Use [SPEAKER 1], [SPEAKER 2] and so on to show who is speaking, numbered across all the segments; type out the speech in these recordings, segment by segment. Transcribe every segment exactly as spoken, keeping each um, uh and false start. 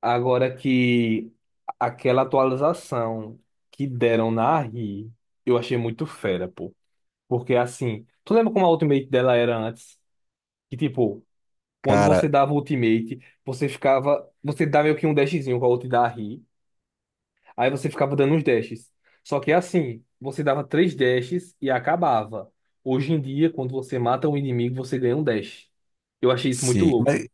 [SPEAKER 1] Agora que aquela atualização que deram na Ri, eu achei muito fera, pô. Porque assim, tu lembra como a ultimate dela era antes? Que tipo, quando
[SPEAKER 2] Cara,
[SPEAKER 1] você dava ultimate, você ficava. Você dava meio que um dashzinho com a ult da Ri. Aí você ficava dando uns dashes. Só que assim, você dava três dashes e acabava. Hoje em dia, quando você mata um inimigo, você ganha um dash. Eu achei isso muito
[SPEAKER 2] sim. Mas,
[SPEAKER 1] louco.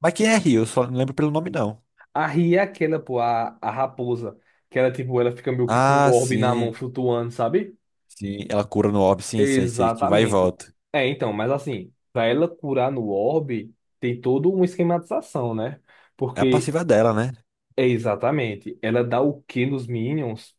[SPEAKER 2] mas quem é Rio? Eu só não lembro pelo nome, não.
[SPEAKER 1] A Ria é aquela, pô, a, a raposa. Que ela, tipo, ela fica meio que com um
[SPEAKER 2] Ah,
[SPEAKER 1] orbe na mão
[SPEAKER 2] sim.
[SPEAKER 1] flutuando, sabe?
[SPEAKER 2] Sim, ela cura no orbe, sim, sei, sei, que vai e
[SPEAKER 1] Exatamente.
[SPEAKER 2] volta.
[SPEAKER 1] É, então, mas assim, pra ela curar no orbe, tem toda uma esquematização, né?
[SPEAKER 2] É a
[SPEAKER 1] Porque,
[SPEAKER 2] passiva dela, né?
[SPEAKER 1] é exatamente, ela dá o Q nos minions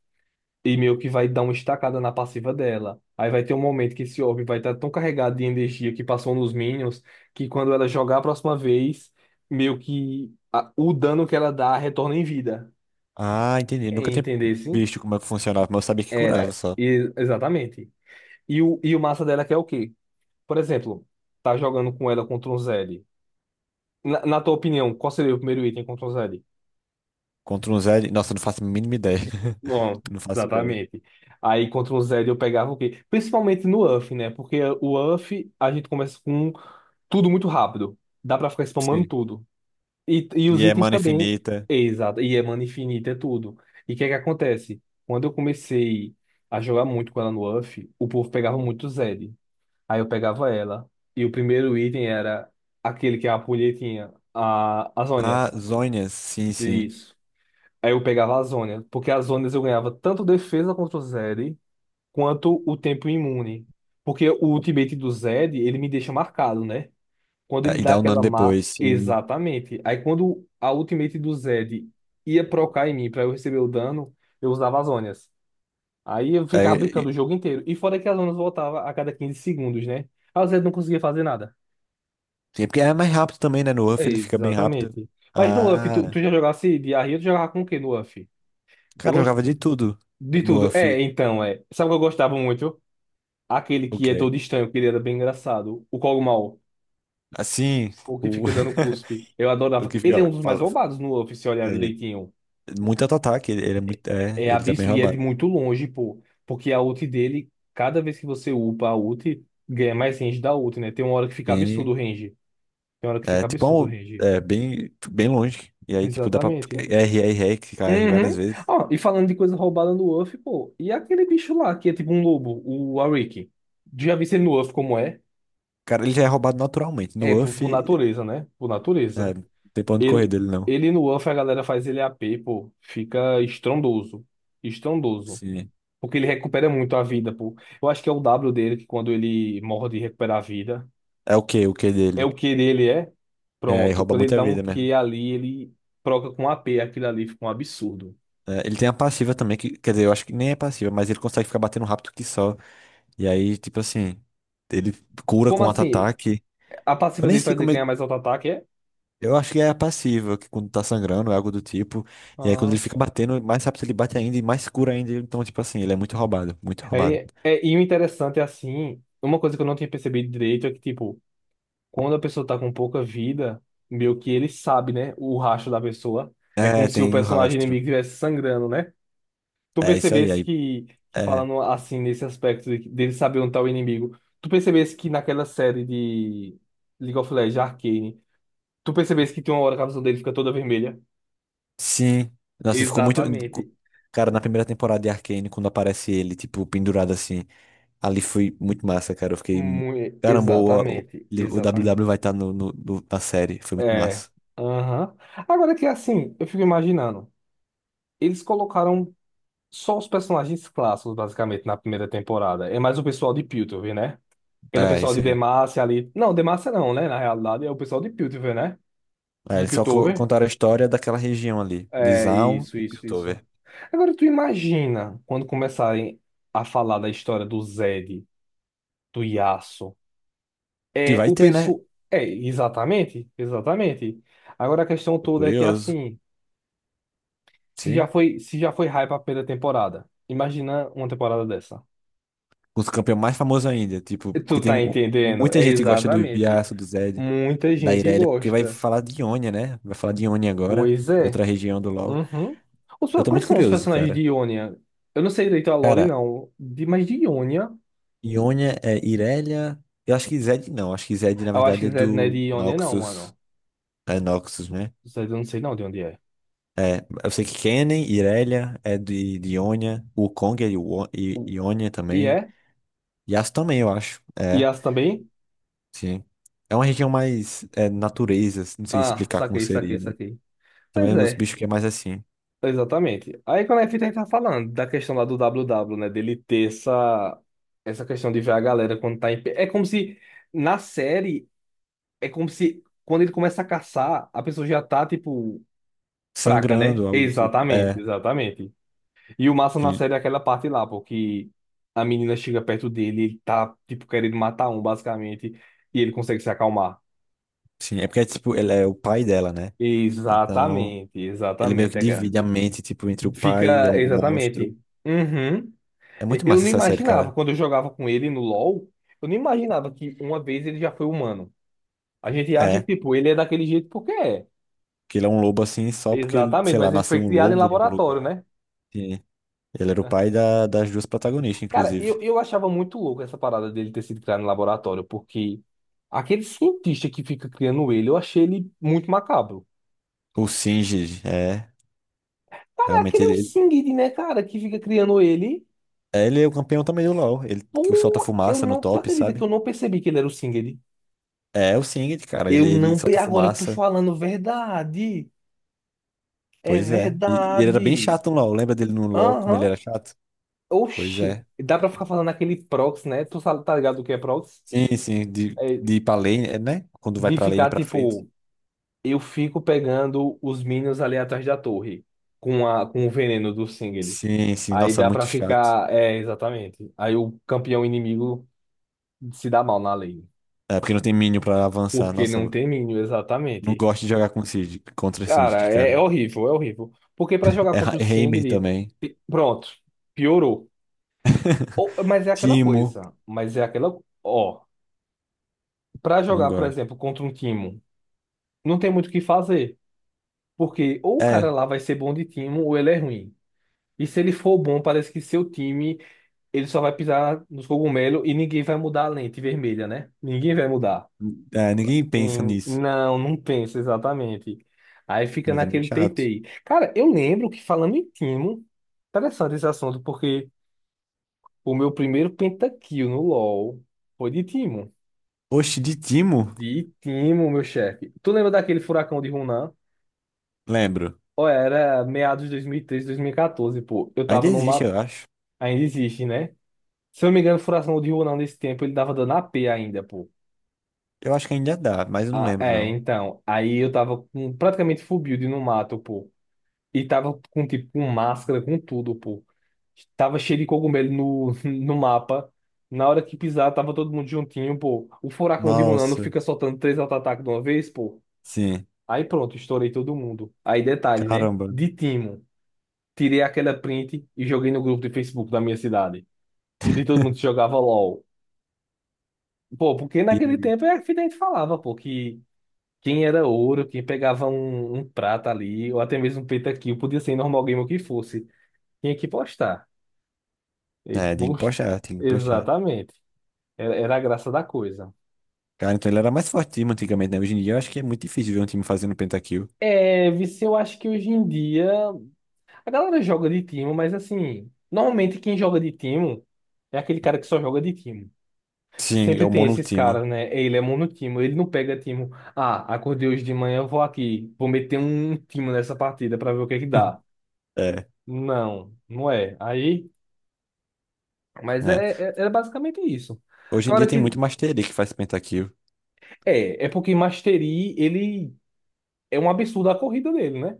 [SPEAKER 1] e meio que vai dar uma estacada na passiva dela. Aí vai ter um momento que esse orbe vai estar tão carregado de energia que passou nos minions, que quando ela jogar a próxima vez, meio que a- o dano que ela dá retorna em vida.
[SPEAKER 2] Ah, entendi. Nunca tinha
[SPEAKER 1] Entender, sim?
[SPEAKER 2] visto como é que funcionava, mas eu sabia que
[SPEAKER 1] Era,
[SPEAKER 2] curava só.
[SPEAKER 1] e- exatamente. E o, e o massa dela é que é o quê? Por exemplo, tá jogando com ela contra um Zed. Na, na tua opinião, qual seria o primeiro item contra um Zed?
[SPEAKER 2] Contra um Zed. Nossa, eu não faço a mínima ideia.
[SPEAKER 1] Bom,
[SPEAKER 2] Não faço ideia.
[SPEAKER 1] exatamente. Aí contra um Zed eu pegava o quê? Principalmente no U F, né? Porque o U F a gente começa com tudo muito rápido. Dá pra ficar spamando
[SPEAKER 2] Sim.
[SPEAKER 1] tudo. E, e os
[SPEAKER 2] E é
[SPEAKER 1] itens
[SPEAKER 2] mana
[SPEAKER 1] também.
[SPEAKER 2] infinita.
[SPEAKER 1] Exato. E é mana infinita, é tudo. E o que é que acontece? Quando eu comecei a jogar muito com ela no U F, o povo pegava muito Zed. Aí eu pegava ela. E o primeiro item era aquele que é a punhetinha, a, as
[SPEAKER 2] Ah,
[SPEAKER 1] ônias.
[SPEAKER 2] Zhonha, sim, sim.
[SPEAKER 1] Isso. Aí eu pegava as ônias, porque as ônias eu ganhava tanto defesa contra o Zed, quanto o tempo imune. Porque o ultimate do Zed, ele me deixa marcado, né? Quando ele
[SPEAKER 2] É, e
[SPEAKER 1] dá
[SPEAKER 2] dá um dano
[SPEAKER 1] aquela má.
[SPEAKER 2] depois, sim.
[SPEAKER 1] Exatamente. Aí quando a ultimate do Zed ia procar em mim pra eu receber o dano, eu usava as ônias. Aí eu
[SPEAKER 2] É,
[SPEAKER 1] ficava brincando
[SPEAKER 2] e-
[SPEAKER 1] o jogo inteiro. E fora que as ônias voltavam a cada quinze segundos, né? Aí o Zed não conseguia fazer nada.
[SPEAKER 2] é porque é mais rápido também, né? No
[SPEAKER 1] É,
[SPEAKER 2] Uff ele fica bem rápido.
[SPEAKER 1] exatamente. Mas no U F, tu,
[SPEAKER 2] Ah,
[SPEAKER 1] tu já jogasse de Arria, tu jogava com o que no U F? Eu
[SPEAKER 2] cara, eu
[SPEAKER 1] gosto
[SPEAKER 2] jogava de tudo
[SPEAKER 1] de
[SPEAKER 2] no
[SPEAKER 1] tudo. É,
[SPEAKER 2] Uff.
[SPEAKER 1] então, é. Sabe o que eu gostava muito? Aquele que
[SPEAKER 2] Ok.
[SPEAKER 1] é todo estranho, que ele era bem engraçado. O Kog'Maw,
[SPEAKER 2] Assim,
[SPEAKER 1] o que
[SPEAKER 2] o,
[SPEAKER 1] fica dando cuspe. Eu
[SPEAKER 2] o
[SPEAKER 1] adorava.
[SPEAKER 2] que
[SPEAKER 1] Ele é um
[SPEAKER 2] fica.
[SPEAKER 1] dos mais
[SPEAKER 2] Fala,
[SPEAKER 1] roubados no U F, se olhar
[SPEAKER 2] é,
[SPEAKER 1] direitinho.
[SPEAKER 2] muito auto-ataque, ele, ele é muito. É,
[SPEAKER 1] É
[SPEAKER 2] ele tá bem
[SPEAKER 1] absurdo e é de
[SPEAKER 2] roubado.
[SPEAKER 1] muito longe, pô. Porque a ult dele, cada vez que você upa a ult, ganha mais range da ult, né? Tem uma hora que fica absurdo o
[SPEAKER 2] Bem,
[SPEAKER 1] range. Tem uma hora que
[SPEAKER 2] é
[SPEAKER 1] fica
[SPEAKER 2] tipo é
[SPEAKER 1] absurdo o
[SPEAKER 2] um.
[SPEAKER 1] range.
[SPEAKER 2] É bem, bem longe. E aí, tipo, dá pra.
[SPEAKER 1] Exatamente.
[SPEAKER 2] R, R, R, clicar R várias
[SPEAKER 1] Uhum.
[SPEAKER 2] vezes.
[SPEAKER 1] Ó, e falando de coisa roubada no Luffy, pô, e aquele bicho lá que é tipo um lobo, o Ariki? Já vi ele no Luffy como é?
[SPEAKER 2] Cara, ele já é roubado naturalmente. No
[SPEAKER 1] É, por, por
[SPEAKER 2] U F,
[SPEAKER 1] natureza, né? Por natureza.
[SPEAKER 2] é, não tem pra onde correr
[SPEAKER 1] Ele,
[SPEAKER 2] dele, não.
[SPEAKER 1] ele no Luffy, a galera faz ele A P, pô. Fica estrondoso. Estrondoso.
[SPEAKER 2] Sim.
[SPEAKER 1] Porque ele recupera muito a vida, pô. Eu acho que é o W dele, que quando ele morre de recuperar a vida,
[SPEAKER 2] É o que o que dele?
[SPEAKER 1] é o Q dele, é?
[SPEAKER 2] É, e
[SPEAKER 1] Pronto.
[SPEAKER 2] rouba
[SPEAKER 1] Quando ele
[SPEAKER 2] muita
[SPEAKER 1] dá um
[SPEAKER 2] vida mesmo.
[SPEAKER 1] Q ali, ele troca com A P. Aquilo ali fica um absurdo.
[SPEAKER 2] É, ele tem a passiva também, que, quer dizer, eu acho que nem é passiva, mas ele consegue ficar batendo rápido que só. E aí, tipo assim, ele cura
[SPEAKER 1] Como
[SPEAKER 2] com
[SPEAKER 1] assim?
[SPEAKER 2] auto-ataque.
[SPEAKER 1] A
[SPEAKER 2] Eu
[SPEAKER 1] passiva
[SPEAKER 2] nem
[SPEAKER 1] dele
[SPEAKER 2] sei
[SPEAKER 1] faz ele
[SPEAKER 2] como é.
[SPEAKER 1] ganhar mais auto-ataque, é?
[SPEAKER 2] Eu acho que é a passiva, que quando tá sangrando, é algo do tipo. E aí quando
[SPEAKER 1] Ah.
[SPEAKER 2] ele fica batendo, mais rápido ele bate ainda e mais cura ainda. Então, tipo assim, ele é muito roubado, muito roubado.
[SPEAKER 1] Aí, é, e o interessante é assim, uma coisa que eu não tinha percebido direito é que, tipo, quando a pessoa tá com pouca vida, meio que ele sabe, né, o rastro da pessoa. É como
[SPEAKER 2] É,
[SPEAKER 1] se o
[SPEAKER 2] tem o
[SPEAKER 1] personagem
[SPEAKER 2] rastro.
[SPEAKER 1] inimigo estivesse sangrando, né? Tu
[SPEAKER 2] É isso aí.
[SPEAKER 1] percebesse
[SPEAKER 2] Aí,
[SPEAKER 1] que, que
[SPEAKER 2] é.
[SPEAKER 1] falando assim, nesse aspecto de, dele saber onde tá o inimigo, tu percebesse que naquela série de League of Legends, Arcane, tu percebesse que tem uma hora que a visão dele fica toda vermelha?
[SPEAKER 2] Sim. Nossa, e ficou muito.
[SPEAKER 1] Exatamente.
[SPEAKER 2] Cara, na primeira temporada de Arcane, quando aparece ele, tipo, pendurado assim, ali foi muito massa, cara. Eu fiquei.
[SPEAKER 1] Mu-
[SPEAKER 2] Caramba, o, o
[SPEAKER 1] Exatamente,
[SPEAKER 2] o W W
[SPEAKER 1] exatamente.
[SPEAKER 2] vai estar no, no- no- na série. Foi muito
[SPEAKER 1] É.
[SPEAKER 2] massa.
[SPEAKER 1] Aham. Agora que assim, eu fico imaginando. Eles colocaram só os personagens clássicos, basicamente, na primeira temporada. É mais o pessoal de Piltover, né? Aquele
[SPEAKER 2] É,
[SPEAKER 1] pessoal
[SPEAKER 2] isso
[SPEAKER 1] de
[SPEAKER 2] aí.
[SPEAKER 1] Demacia ali. Não, Demacia não, né? Na realidade, é o pessoal de Piltover, né?
[SPEAKER 2] É,
[SPEAKER 1] De
[SPEAKER 2] eles só co-
[SPEAKER 1] Piltover.
[SPEAKER 2] contaram a história daquela região ali, de
[SPEAKER 1] É,
[SPEAKER 2] Zaun
[SPEAKER 1] isso,
[SPEAKER 2] e
[SPEAKER 1] isso, isso.
[SPEAKER 2] Piltover.
[SPEAKER 1] Agora tu imagina quando começarem a falar da história do Zed, do Yasuo.
[SPEAKER 2] Que
[SPEAKER 1] É,
[SPEAKER 2] vai
[SPEAKER 1] o
[SPEAKER 2] ter, né?
[SPEAKER 1] pessoal. É, exatamente, exatamente. Agora a questão
[SPEAKER 2] Tô
[SPEAKER 1] toda é que
[SPEAKER 2] curioso.
[SPEAKER 1] assim. Se já
[SPEAKER 2] Sim.
[SPEAKER 1] foi, se já foi hype a primeira temporada, imagina uma temporada dessa.
[SPEAKER 2] Com os campeões mais famosos ainda. Tipo, porque
[SPEAKER 1] Tu
[SPEAKER 2] tem
[SPEAKER 1] tá
[SPEAKER 2] mu-
[SPEAKER 1] entendendo?
[SPEAKER 2] muita
[SPEAKER 1] É
[SPEAKER 2] gente que gosta do
[SPEAKER 1] exatamente.
[SPEAKER 2] Yasuo, do Zed,
[SPEAKER 1] Muita
[SPEAKER 2] da
[SPEAKER 1] gente
[SPEAKER 2] Irelia, porque vai
[SPEAKER 1] gosta.
[SPEAKER 2] falar de Ionia, né? Vai falar de Ionia agora,
[SPEAKER 1] Pois é.
[SPEAKER 2] outra região do LoL.
[SPEAKER 1] Uhum. Os,
[SPEAKER 2] Eu tô
[SPEAKER 1] quais
[SPEAKER 2] muito
[SPEAKER 1] são os
[SPEAKER 2] curioso,
[SPEAKER 1] personagens de
[SPEAKER 2] cara.
[SPEAKER 1] Ionia? Eu não sei direito a lore,
[SPEAKER 2] Cara,
[SPEAKER 1] não. De, mas de Ionia?
[SPEAKER 2] Ionia é Irelia. Eu acho que Zed não. Acho que Zed, na
[SPEAKER 1] Eu acho
[SPEAKER 2] verdade,
[SPEAKER 1] que
[SPEAKER 2] é
[SPEAKER 1] Zed não é de
[SPEAKER 2] do
[SPEAKER 1] Ionia, não,
[SPEAKER 2] Noxus.
[SPEAKER 1] mano.
[SPEAKER 2] É Noxus, né?
[SPEAKER 1] Zed eu não sei não de onde é.
[SPEAKER 2] É, eu sei que Kennen, Irelia é de, de Ionia. O Kong é de Wo- I-
[SPEAKER 1] O-
[SPEAKER 2] Ionia
[SPEAKER 1] E
[SPEAKER 2] também.
[SPEAKER 1] é?
[SPEAKER 2] Yasuo também, eu acho.
[SPEAKER 1] E
[SPEAKER 2] É,
[SPEAKER 1] as também?
[SPEAKER 2] sim. É uma região mais é, natureza, assim, não sei
[SPEAKER 1] Ah,
[SPEAKER 2] explicar como
[SPEAKER 1] saquei,
[SPEAKER 2] seria,
[SPEAKER 1] saquei,
[SPEAKER 2] né?
[SPEAKER 1] saquei.
[SPEAKER 2] Então
[SPEAKER 1] Mas
[SPEAKER 2] é os
[SPEAKER 1] é.
[SPEAKER 2] bichos que é mais assim,
[SPEAKER 1] Exatamente. Aí quando a gente tá falando da questão lá do W W, né? Dele ter essa, essa questão de ver a galera quando tá em pé. É como se na série, é como se quando ele começa a caçar, a pessoa já tá, tipo, fraca, né?
[SPEAKER 2] sangrando, algo do tipo.
[SPEAKER 1] Exatamente,
[SPEAKER 2] É,
[SPEAKER 1] exatamente. E o massa na
[SPEAKER 2] ele,
[SPEAKER 1] série é aquela parte lá, porque a menina chega perto dele, ele tá, tipo, querendo matar um, basicamente, e ele consegue se acalmar.
[SPEAKER 2] sim, é porque tipo, ele é o pai dela, né? Então,
[SPEAKER 1] Exatamente,
[SPEAKER 2] ele meio que
[SPEAKER 1] exatamente. É, cara.
[SPEAKER 2] divide a mente, tipo, entre o pai e
[SPEAKER 1] Fica,
[SPEAKER 2] o monstro.
[SPEAKER 1] exatamente. Uhum.
[SPEAKER 2] É muito
[SPEAKER 1] Eu,
[SPEAKER 2] massa
[SPEAKER 1] não
[SPEAKER 2] essa série,
[SPEAKER 1] imaginava,
[SPEAKER 2] cara.
[SPEAKER 1] quando eu jogava com ele no LoL, eu não imaginava que uma vez ele já foi humano. A gente acha que,
[SPEAKER 2] É,
[SPEAKER 1] tipo, ele é daquele jeito porque é.
[SPEAKER 2] que ele é um lobo assim, só porque, ele,
[SPEAKER 1] Exatamente,
[SPEAKER 2] sei lá,
[SPEAKER 1] mas ele
[SPEAKER 2] nasceu
[SPEAKER 1] foi
[SPEAKER 2] um
[SPEAKER 1] criado em
[SPEAKER 2] lobo em algum
[SPEAKER 1] laboratório,
[SPEAKER 2] lugar.
[SPEAKER 1] né?
[SPEAKER 2] Sim. Ele era o pai da, das duas protagonistas,
[SPEAKER 1] Cara,
[SPEAKER 2] inclusive.
[SPEAKER 1] eu, eu achava muito louco essa parada dele ter sido criado em laboratório, porque aquele cientista que fica criando ele, eu achei ele muito macabro.
[SPEAKER 2] O Singed, é.
[SPEAKER 1] Cara,
[SPEAKER 2] Realmente
[SPEAKER 1] aquele é o
[SPEAKER 2] ele,
[SPEAKER 1] Singed, né, cara, que fica criando ele.
[SPEAKER 2] ele é o campeão também do LoL. Ele que solta
[SPEAKER 1] Pô, eu
[SPEAKER 2] fumaça no
[SPEAKER 1] não, tu
[SPEAKER 2] top,
[SPEAKER 1] acredita que
[SPEAKER 2] sabe?
[SPEAKER 1] eu não percebi que ele era o Singed?
[SPEAKER 2] É o Singed, cara. Ele,
[SPEAKER 1] Eu
[SPEAKER 2] ele
[SPEAKER 1] não, pe-
[SPEAKER 2] solta
[SPEAKER 1] Agora tu
[SPEAKER 2] fumaça.
[SPEAKER 1] falando verdade. É
[SPEAKER 2] Pois é. E, e ele era bem
[SPEAKER 1] verdade.
[SPEAKER 2] chato no LoL. Lembra dele no LoL como ele
[SPEAKER 1] Aham.
[SPEAKER 2] era chato? Pois
[SPEAKER 1] Oxi.
[SPEAKER 2] é.
[SPEAKER 1] Dá pra ficar falando aquele proxy, né? Tu sabe, tá ligado o que é proxy?
[SPEAKER 2] Sim, sim. De,
[SPEAKER 1] É
[SPEAKER 2] de ir pra lane, é, né? Quando vai
[SPEAKER 1] de
[SPEAKER 2] pra lane
[SPEAKER 1] ficar,
[SPEAKER 2] pra frente.
[SPEAKER 1] tipo, eu fico pegando os minions ali atrás da torre com, a, com o veneno do Singeli.
[SPEAKER 2] Sim, sim.
[SPEAKER 1] Aí
[SPEAKER 2] Nossa,
[SPEAKER 1] dá pra
[SPEAKER 2] muito chato.
[SPEAKER 1] ficar. É, exatamente. Aí o campeão inimigo se dá mal na lane.
[SPEAKER 2] É porque não tem minion pra avançar.
[SPEAKER 1] Porque
[SPEAKER 2] Nossa,
[SPEAKER 1] não
[SPEAKER 2] eu
[SPEAKER 1] tem minion,
[SPEAKER 2] não
[SPEAKER 1] exatamente.
[SPEAKER 2] gosto de jogar com Singed, contra Singed,
[SPEAKER 1] Cara, é,
[SPEAKER 2] cara.
[SPEAKER 1] é horrível, é horrível. Porque pra jogar
[SPEAKER 2] É Ra-
[SPEAKER 1] contra o
[SPEAKER 2] Heimer
[SPEAKER 1] Singeli,
[SPEAKER 2] também.
[SPEAKER 1] pronto, piorou. Ou- Mas é aquela
[SPEAKER 2] Timo.
[SPEAKER 1] coisa. Mas é aquela. Ó, pra
[SPEAKER 2] Não
[SPEAKER 1] jogar, por
[SPEAKER 2] gosto.
[SPEAKER 1] exemplo, contra um time, não tem muito o que fazer. Porque ou o cara
[SPEAKER 2] É,
[SPEAKER 1] lá vai ser bom de time ou ele é ruim. E se ele for bom, parece que seu time, ele só vai pisar nos cogumelos e ninguém vai mudar a lente vermelha, né? Ninguém vai mudar.
[SPEAKER 2] é, ninguém pensa
[SPEAKER 1] Em-
[SPEAKER 2] nisso.
[SPEAKER 1] Não, não pensa exatamente. Aí fica
[SPEAKER 2] Mas é muito
[SPEAKER 1] naquele
[SPEAKER 2] chato.
[SPEAKER 1] teitei. Cara, eu lembro que falando em time, interessante esse assunto, porque o meu primeiro pentakill no LoL foi de Timo.
[SPEAKER 2] Oxe, de Timo?
[SPEAKER 1] De Timo, meu chefe. Tu lembra daquele furacão de Hunan?
[SPEAKER 2] Lembro.
[SPEAKER 1] Ou era meados de dois mil e treze, dois mil e quatorze, pô. Eu
[SPEAKER 2] Ainda
[SPEAKER 1] tava no
[SPEAKER 2] existe,
[SPEAKER 1] mato.
[SPEAKER 2] eu acho.
[SPEAKER 1] Ainda existe, né? Se eu não me engano, o furacão de Hunan nesse tempo, ele tava dando A P ainda, pô.
[SPEAKER 2] Eu acho que ainda dá, mas eu não
[SPEAKER 1] Ah,
[SPEAKER 2] lembro,
[SPEAKER 1] é,
[SPEAKER 2] não.
[SPEAKER 1] então. Aí eu tava com praticamente full build no mato, pô. E tava com, tipo, com máscara, com tudo, pô. Tava cheio de cogumelo no, no mapa. Na hora que pisar, tava todo mundo juntinho, pô. O furacão de Hunan não
[SPEAKER 2] Nossa,
[SPEAKER 1] fica soltando três auto-ataques de uma vez, pô.
[SPEAKER 2] sim.
[SPEAKER 1] Aí pronto, estourei todo mundo. Aí detalhe, né?
[SPEAKER 2] Caramba.
[SPEAKER 1] De timo, tirei aquela print e joguei no grupo de Facebook da minha cidade. De todo mundo que jogava LOL. Pô, porque
[SPEAKER 2] E
[SPEAKER 1] naquele
[SPEAKER 2] aí?
[SPEAKER 1] tempo é que a gente falava, pô, que quem era ouro, quem pegava um, um prata ali, ou até mesmo um pentakill, podia ser normal game o que fosse. Tinha que postar. E,
[SPEAKER 2] É, tem que
[SPEAKER 1] post-
[SPEAKER 2] puxar, tem que puxar.
[SPEAKER 1] Exatamente. Era, era a graça da coisa.
[SPEAKER 2] Cara, então ele era mais forte time antigamente, né? Hoje em dia eu acho que é muito difícil ver um time fazendo pentakill.
[SPEAKER 1] É, vice, eu acho que hoje em dia. A galera joga de timo, mas assim, normalmente quem joga de timo é aquele cara que só joga de timo.
[SPEAKER 2] Sim, é
[SPEAKER 1] Sempre
[SPEAKER 2] o
[SPEAKER 1] tem esses
[SPEAKER 2] monotimo.
[SPEAKER 1] caras, né? Ele é monotimo, ele não pega timo. Ah, acordei hoje de manhã, vou aqui, vou meter um timo nessa partida pra ver o que é que dá.
[SPEAKER 2] É,
[SPEAKER 1] Não, não é. Aí, mas
[SPEAKER 2] né?
[SPEAKER 1] é, é, é basicamente isso.
[SPEAKER 2] Hoje em dia
[SPEAKER 1] Agora
[SPEAKER 2] tem
[SPEAKER 1] que
[SPEAKER 2] muito Master Yi que faz pentakill,
[SPEAKER 1] é, é porque Mastery, ele é um absurdo a corrida dele, né?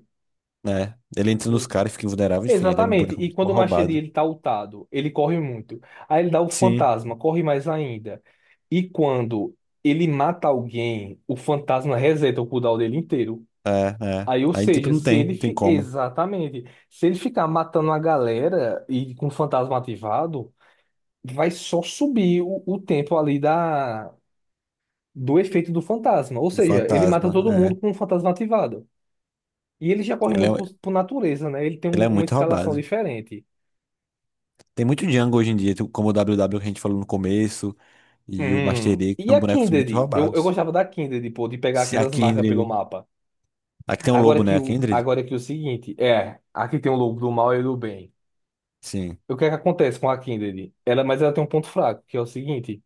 [SPEAKER 2] né? Ele entra nos caras, fica invulnerável, enfim, ele é um
[SPEAKER 1] Exatamente.
[SPEAKER 2] boneco
[SPEAKER 1] E
[SPEAKER 2] muito
[SPEAKER 1] quando
[SPEAKER 2] mal
[SPEAKER 1] o Machete
[SPEAKER 2] roubado.
[SPEAKER 1] ele tá ultado, ele corre muito. Aí ele dá o
[SPEAKER 2] Sim,
[SPEAKER 1] fantasma, corre mais ainda. E quando ele mata alguém, o fantasma reseta o cooldown dele inteiro.
[SPEAKER 2] é, é.
[SPEAKER 1] Aí, ou
[SPEAKER 2] Aí, tipo,
[SPEAKER 1] seja,
[SPEAKER 2] não
[SPEAKER 1] se
[SPEAKER 2] tem,
[SPEAKER 1] ele
[SPEAKER 2] não tem
[SPEAKER 1] fi-
[SPEAKER 2] como.
[SPEAKER 1] exatamente, se ele ficar matando a galera e com o fantasma ativado, vai só subir o, o tempo ali da do efeito do fantasma. Ou
[SPEAKER 2] Do
[SPEAKER 1] seja, ele mata
[SPEAKER 2] fantasma,
[SPEAKER 1] todo mundo
[SPEAKER 2] é.
[SPEAKER 1] com o fantasma ativado. E ele já corre
[SPEAKER 2] Ele
[SPEAKER 1] muito
[SPEAKER 2] é,
[SPEAKER 1] por, por natureza, né? Ele tem
[SPEAKER 2] ele é
[SPEAKER 1] um- uma
[SPEAKER 2] muito
[SPEAKER 1] escalação
[SPEAKER 2] roubado.
[SPEAKER 1] diferente.
[SPEAKER 2] Tem muito Django hoje em dia, tu- como o W W que a gente falou no começo, e o Master
[SPEAKER 1] Hum.
[SPEAKER 2] Yi, que
[SPEAKER 1] E
[SPEAKER 2] são
[SPEAKER 1] a
[SPEAKER 2] bonecos muito
[SPEAKER 1] Kindred? Eu, eu
[SPEAKER 2] roubados.
[SPEAKER 1] gostava da Kindred, pô, de pegar
[SPEAKER 2] Se a
[SPEAKER 1] aquelas marcas pelo
[SPEAKER 2] Kindred.
[SPEAKER 1] mapa.
[SPEAKER 2] Aqui tem um
[SPEAKER 1] Agora
[SPEAKER 2] lobo, né?
[SPEAKER 1] que
[SPEAKER 2] A
[SPEAKER 1] o,
[SPEAKER 2] Kindred?
[SPEAKER 1] agora que o seguinte, é, aqui tem o lobo do mal e do bem.
[SPEAKER 2] Sim.
[SPEAKER 1] O que é que acontece com a Kindred? Ela, mas ela tem um ponto fraco, que é o seguinte,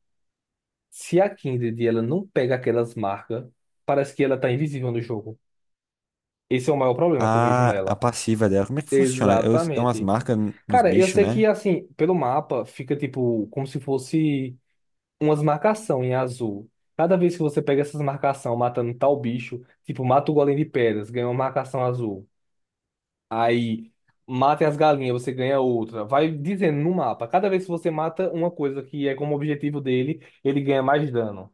[SPEAKER 1] se a Kindred ela não pega aquelas marcas, parece que ela tá invisível no jogo. Esse é o maior problema que eu vejo
[SPEAKER 2] A, a
[SPEAKER 1] nela.
[SPEAKER 2] passiva dela, como é que funciona? É, os- é umas
[SPEAKER 1] Exatamente.
[SPEAKER 2] marcas n- nos
[SPEAKER 1] Cara, eu
[SPEAKER 2] bichos,
[SPEAKER 1] sei que
[SPEAKER 2] né?
[SPEAKER 1] assim, pelo mapa fica tipo como se fosse umas marcação em azul. Cada vez que você pega essas marcação matando tal bicho, tipo, mata o golem de pedras, ganha uma marcação azul. Aí, mata as galinhas, você ganha outra. Vai dizendo no mapa. Cada vez que você mata uma coisa que é como objetivo dele, ele ganha mais dano.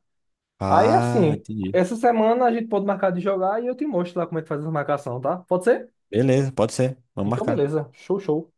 [SPEAKER 1] Aí,
[SPEAKER 2] Ah,
[SPEAKER 1] assim,
[SPEAKER 2] entendi.
[SPEAKER 1] essa semana a gente pode marcar de jogar e eu te mostro lá como é que faz essa marcação, tá? Pode ser?
[SPEAKER 2] Beleza, pode ser. Vamos
[SPEAKER 1] Então,
[SPEAKER 2] marcar.
[SPEAKER 1] beleza. Show, show.